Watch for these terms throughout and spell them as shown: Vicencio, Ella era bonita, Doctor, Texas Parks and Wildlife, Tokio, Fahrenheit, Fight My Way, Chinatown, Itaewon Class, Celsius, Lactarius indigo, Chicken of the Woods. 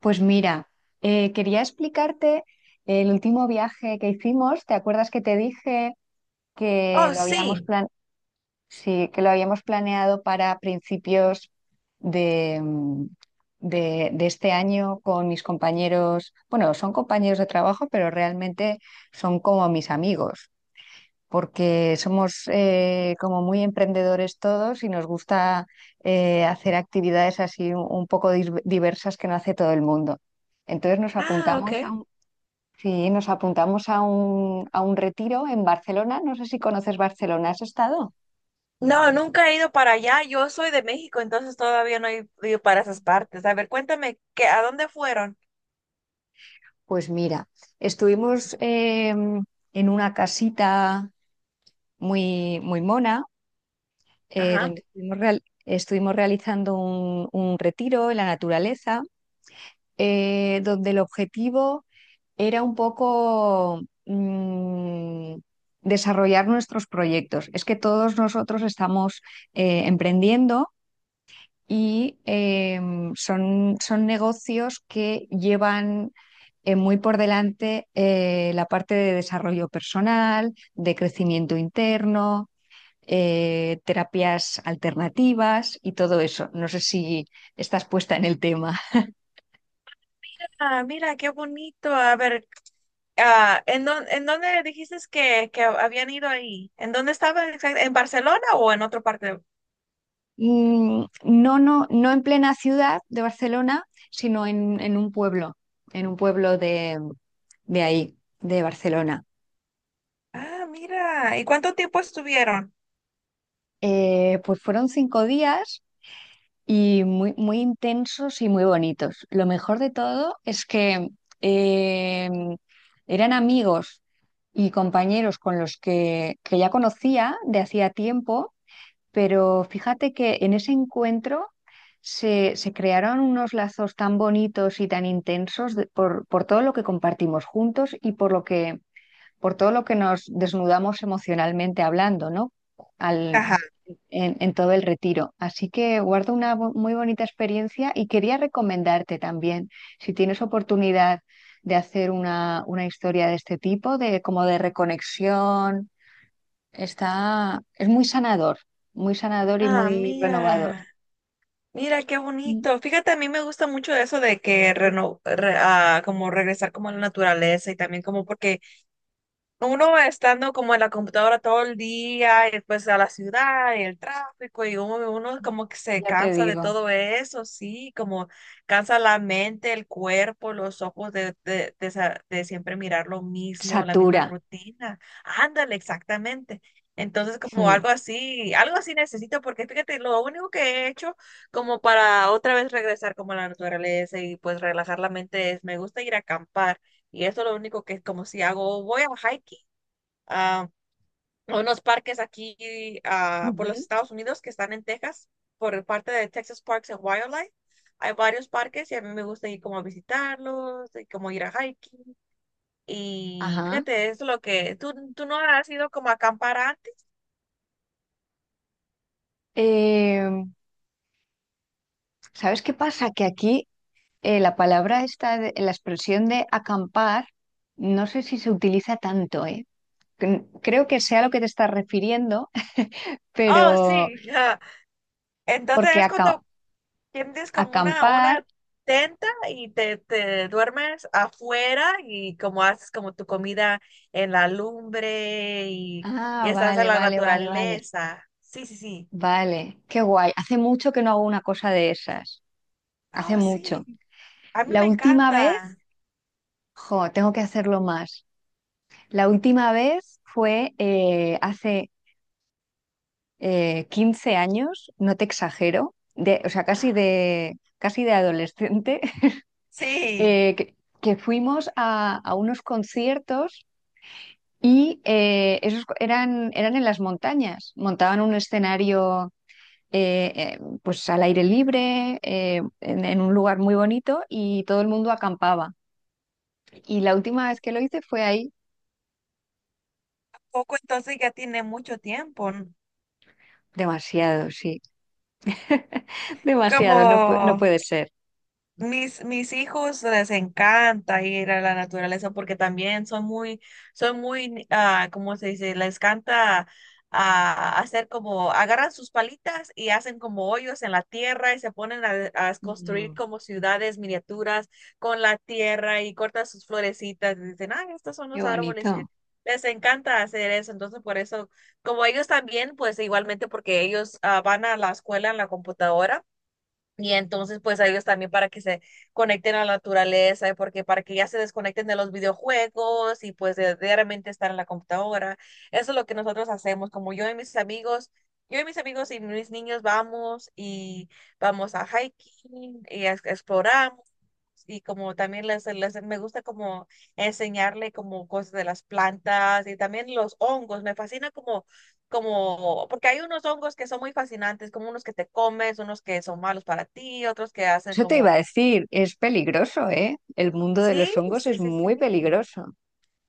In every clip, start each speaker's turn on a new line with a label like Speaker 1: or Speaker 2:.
Speaker 1: Pues mira, quería explicarte el último viaje que hicimos. ¿Te acuerdas que te dije que
Speaker 2: Oh, sí.
Speaker 1: sí, que lo habíamos planeado para principios de, mm, de este año con mis compañeros? Bueno, son compañeros de trabajo, pero realmente son como mis amigos porque somos como muy emprendedores todos y nos gusta hacer actividades así un poco diversas que no hace todo el mundo. Entonces nos
Speaker 2: Ah, ok.
Speaker 1: apuntamos a un, sí, nos apuntamos a a un retiro en Barcelona. No sé si conoces Barcelona, ¿has estado?
Speaker 2: No, nunca he ido para allá. Yo soy de México, entonces todavía no he ido para esas partes. A ver, cuéntame, ¿a dónde fueron?
Speaker 1: Pues mira, estuvimos en una casita muy, muy mona,
Speaker 2: Ajá.
Speaker 1: donde estuvimos realizando un retiro en la naturaleza, donde el objetivo era un poco desarrollar nuestros proyectos. Es que todos nosotros estamos emprendiendo y son, son negocios que llevan muy por delante la parte de desarrollo personal, de crecimiento interno. Terapias alternativas y todo eso. No sé si estás puesta en el tema.
Speaker 2: Ah, mira, qué bonito. A ver, en dónde dijiste que habían ido ahí? ¿En dónde estaban exact ¿En Barcelona o en otra parte?
Speaker 1: No, no, no en plena ciudad de Barcelona, sino en un pueblo de ahí, de Barcelona.
Speaker 2: Ah, mira. ¿Y cuánto tiempo estuvieron?
Speaker 1: Pues fueron cinco días y muy, muy intensos y muy bonitos. Lo mejor de todo es que eh, eran amigos y compañeros con los que ya conocía de hacía tiempo. Pero fíjate que en ese encuentro se, se crearon unos lazos tan bonitos y tan intensos por todo lo que compartimos juntos y por lo por todo lo que nos desnudamos emocionalmente hablando, ¿no? Al,
Speaker 2: Ajá.
Speaker 1: en todo el retiro. Así que guardo una muy bonita experiencia y quería recomendarte también, si tienes oportunidad de hacer una historia de este tipo, de como de reconexión. Es muy sanador y
Speaker 2: Ah,
Speaker 1: muy renovador.
Speaker 2: mira, mira qué
Speaker 1: Mm.
Speaker 2: bonito. Fíjate, a mí me gusta mucho eso de que como regresar como a la naturaleza y también como porque uno estando como en la computadora todo el día y después a la ciudad y el tráfico y uno como que se
Speaker 1: Ya te
Speaker 2: cansa de
Speaker 1: digo,
Speaker 2: todo eso, sí, como cansa la mente, el cuerpo, los ojos de siempre mirar lo mismo, la
Speaker 1: satura.
Speaker 2: misma rutina. Ándale, exactamente. Entonces como
Speaker 1: Mm.
Speaker 2: algo así necesito porque fíjate, lo único que he hecho como para otra vez regresar como a la naturaleza y pues relajar la mente es, me gusta ir a acampar. Y eso es lo único que es como si hago, voy a hiking, a unos parques aquí por los
Speaker 1: Ujú.
Speaker 2: Estados Unidos que están en Texas, por parte de Texas Parks and Wildlife. Hay varios parques y a mí me gusta ir como a visitarlos, y como ir a hiking. Y
Speaker 1: Ajá.
Speaker 2: fíjate, eso es lo que, ¿tú no has ido como a acampar antes?
Speaker 1: Eh, ¿Sabes qué pasa? Que aquí la expresión de acampar, no sé si se utiliza tanto, ¿eh? Creo que sea a lo que te estás refiriendo,
Speaker 2: Oh,
Speaker 1: pero
Speaker 2: sí. Entonces
Speaker 1: porque
Speaker 2: es cuando tienes como
Speaker 1: acampar...
Speaker 2: una tenta y te duermes afuera y como haces como tu comida en la lumbre y
Speaker 1: Ah,
Speaker 2: estás en
Speaker 1: vale,
Speaker 2: la
Speaker 1: vale, vale, vale.
Speaker 2: naturaleza. Sí, sí, sí.
Speaker 1: Vale, qué guay. Hace mucho que no hago una cosa de esas. Hace
Speaker 2: Oh, sí.
Speaker 1: mucho.
Speaker 2: A mí
Speaker 1: La
Speaker 2: me
Speaker 1: última vez,
Speaker 2: encanta.
Speaker 1: jo, tengo que hacerlo más. La última vez fue hace 15 años, no te exagero, de, o sea,
Speaker 2: Ah,
Speaker 1: casi de adolescente,
Speaker 2: sí.
Speaker 1: eh, que, que fuimos a unos conciertos y esos eran, eran en las montañas. Montaban un escenario eh, pues al aire libre, en un lugar muy bonito y todo el mundo acampaba. Y la última vez que lo hice fue ahí.
Speaker 2: Poco entonces ya tiene mucho tiempo, ¿no?
Speaker 1: Demasiado, sí.
Speaker 2: Como
Speaker 1: Demasiado, no, no puede ser.
Speaker 2: mis hijos les encanta ir a la naturaleza porque también ¿cómo se dice? Les encanta hacer como, agarran sus palitas y hacen como hoyos en la tierra y se ponen a construir
Speaker 1: Mm.
Speaker 2: como ciudades miniaturas con la tierra y cortan sus florecitas y dicen, ah, estos son
Speaker 1: Qué
Speaker 2: los árboles y
Speaker 1: bonito.
Speaker 2: les encanta hacer eso. Entonces, por eso, como ellos también, pues igualmente porque ellos van a la escuela en la computadora. Y entonces, pues a ellos también para que se conecten a la naturaleza, y porque para que ya se desconecten de los videojuegos y pues de realmente estar en la computadora. Eso es lo que nosotros hacemos, como yo y mis amigos, yo y mis amigos y mis niños vamos y vamos a hiking y exploramos y como también me gusta como enseñarle como cosas de las plantas y también los hongos. Me fascina porque hay unos hongos que son muy fascinantes, como unos que te comes, unos que son malos para ti, otros que hacen
Speaker 1: Eso te iba
Speaker 2: como,
Speaker 1: a decir, es peligroso, ¿eh? El mundo de los
Speaker 2: sí,
Speaker 1: hongos
Speaker 2: sí,
Speaker 1: es
Speaker 2: sí,
Speaker 1: muy
Speaker 2: sí.
Speaker 1: peligroso.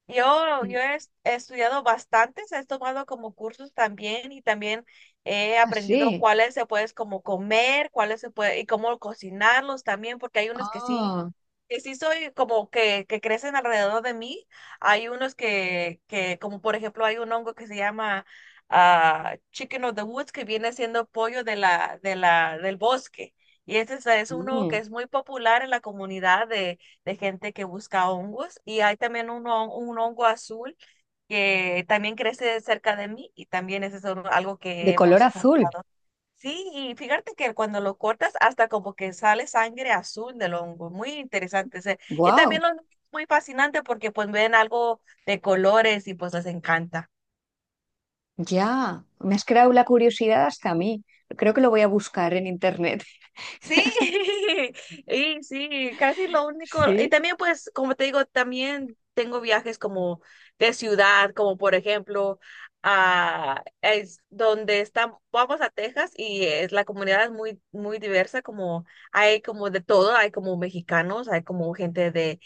Speaker 1: Sí.
Speaker 2: He estudiado bastantes, he tomado como cursos también y también he aprendido
Speaker 1: Así.
Speaker 2: cuáles se puedes como comer, cuáles se puede y cómo cocinarlos también, porque hay unos
Speaker 1: Ah,
Speaker 2: que sí soy como que crecen alrededor de mí. Hay unos como por ejemplo, hay un hongo que se llama Chicken of the Woods, que viene siendo pollo de del bosque. Y este es
Speaker 1: sí. Ah,
Speaker 2: uno que
Speaker 1: mm.
Speaker 2: es muy popular en la comunidad de gente que busca hongos. Y hay también un hongo azul que también crece cerca de mí y también ese es algo
Speaker 1: De
Speaker 2: que
Speaker 1: color
Speaker 2: hemos
Speaker 1: azul.
Speaker 2: juntado. Sí, y fíjate que cuando lo cortas hasta como que sale sangre azul del hongo, muy interesante. Y también
Speaker 1: Wow,
Speaker 2: lo muy fascinante porque pues ven algo de colores y pues les encanta.
Speaker 1: ya. Me has creado la curiosidad hasta a mí. Creo que lo voy a buscar en internet.
Speaker 2: Sí, y sí, casi lo único. Y
Speaker 1: Sí,
Speaker 2: también, pues, como te digo, también tengo viajes como de ciudad, como por ejemplo, a es donde estamos, vamos a Texas y es, la comunidad es muy diversa, como hay como de todo, hay como mexicanos, hay como gente de,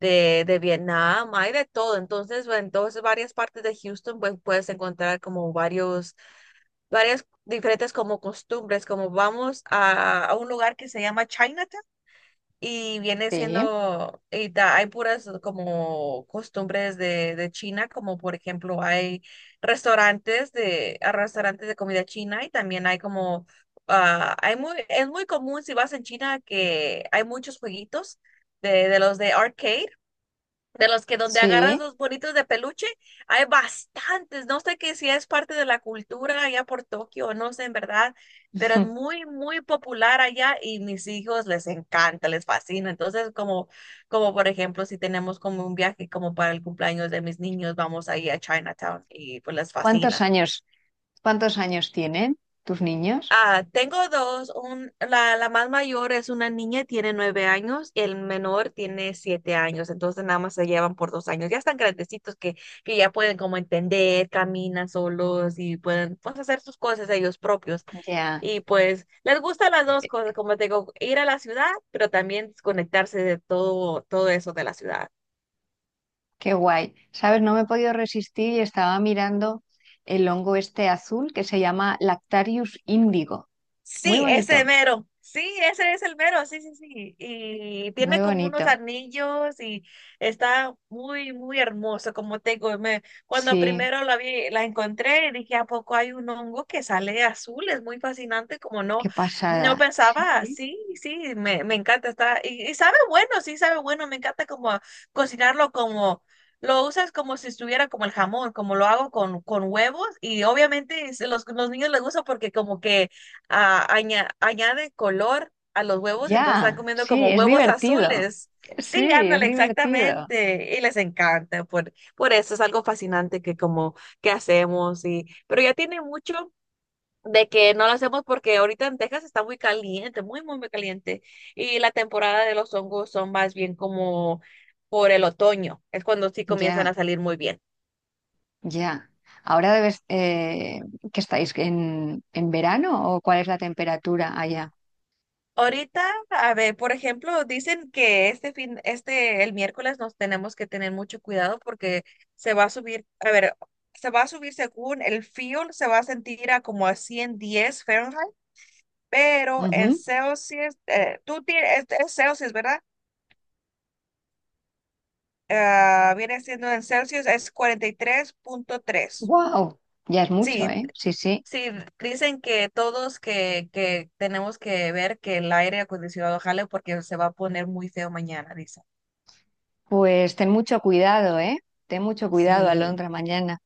Speaker 2: de, de Vietnam, hay de todo. Entonces, bueno, entonces varias partes de Houston, pues puedes encontrar como varios varias diferentes como costumbres, como vamos a un lugar que se llama Chinatown y viene
Speaker 1: sí,
Speaker 2: siendo, y hay puras como costumbres de China, como por ejemplo hay restaurantes a restaurantes de comida china y también hay como, hay muy, es muy común si vas en China que hay muchos jueguitos de los de arcade de los que donde agarras
Speaker 1: sí.
Speaker 2: los bonitos de peluche, hay bastantes. No sé que si es parte de la cultura allá por Tokio, no sé en verdad, pero es muy popular allá y mis hijos les encanta, les fascina. Entonces, como, como por ejemplo, si tenemos como un viaje como para el cumpleaños de mis niños, vamos ahí a Chinatown y pues les
Speaker 1: ¿Cuántos
Speaker 2: fascina.
Speaker 1: años, cuántos años tienen tus niños?
Speaker 2: Ah, tengo dos. La más mayor es una niña, tiene 9 años, el menor tiene 7 años, entonces nada más se llevan por 2 años. Ya están grandecitos que ya pueden como entender, caminan solos y pueden pues, hacer sus cosas ellos propios.
Speaker 1: Ya.
Speaker 2: Y pues les gustan las dos cosas, como te digo, ir a la ciudad, pero también desconectarse de todo, todo eso de la ciudad.
Speaker 1: Qué guay. ¿Sabes? No me he podido resistir y estaba mirando el hongo este azul que se llama Lactarius índigo. Muy
Speaker 2: Sí,
Speaker 1: bonito,
Speaker 2: ese mero. Sí, ese es el mero, sí, sí, sí. Y
Speaker 1: muy
Speaker 2: tiene como unos
Speaker 1: bonito.
Speaker 2: anillos y está muy hermoso, como te digo. Cuando
Speaker 1: Sí,
Speaker 2: primero la vi, la encontré, dije, ¿a poco hay un hongo que sale azul? Es muy fascinante, como no,
Speaker 1: qué
Speaker 2: no
Speaker 1: pasada. Sí,
Speaker 2: pensaba,
Speaker 1: sí.
Speaker 2: sí, sí, me encanta, está, y sabe bueno, sí, sabe bueno, me encanta como cocinarlo como... Lo usas como si estuviera como el jamón, como lo hago con huevos y obviamente los niños les gusta porque como que añade color a los huevos, entonces están
Speaker 1: Ya,
Speaker 2: comiendo
Speaker 1: sí,
Speaker 2: como
Speaker 1: es
Speaker 2: huevos
Speaker 1: divertido.
Speaker 2: azules.
Speaker 1: Sí,
Speaker 2: Sí,
Speaker 1: es
Speaker 2: ándale,
Speaker 1: divertido.
Speaker 2: exactamente. Y les encanta. Por eso es algo fascinante que como que hacemos. Y, pero ya tiene mucho de que no lo hacemos porque ahorita en Texas está muy caliente, muy caliente. Y la temporada de los hongos son más bien como por el otoño. Es cuando sí comienzan a
Speaker 1: Ya,
Speaker 2: salir muy bien.
Speaker 1: ya. Ahora debes, que estáis en verano o cuál es la temperatura allá.
Speaker 2: Ahorita, a ver, por ejemplo, dicen que este fin, este, el miércoles nos tenemos que tener mucho cuidado porque se va a subir, a ver, se va a subir según el fuel, se va a sentir a como a 110 °F, pero en Celsius, tú tienes, es Celsius, ¿verdad? Ah, viene siendo en Celsius, es 43,3.
Speaker 1: Wow, ya es mucho,
Speaker 2: Sí,
Speaker 1: ¿eh? Sí, sí.
Speaker 2: sí, dicen que todos que tenemos que ver que el aire acondicionado jale porque se va a poner muy feo mañana,
Speaker 1: Pues ten mucho cuidado, ¿eh? Ten mucho cuidado,
Speaker 2: sí.
Speaker 1: Alondra, mañana.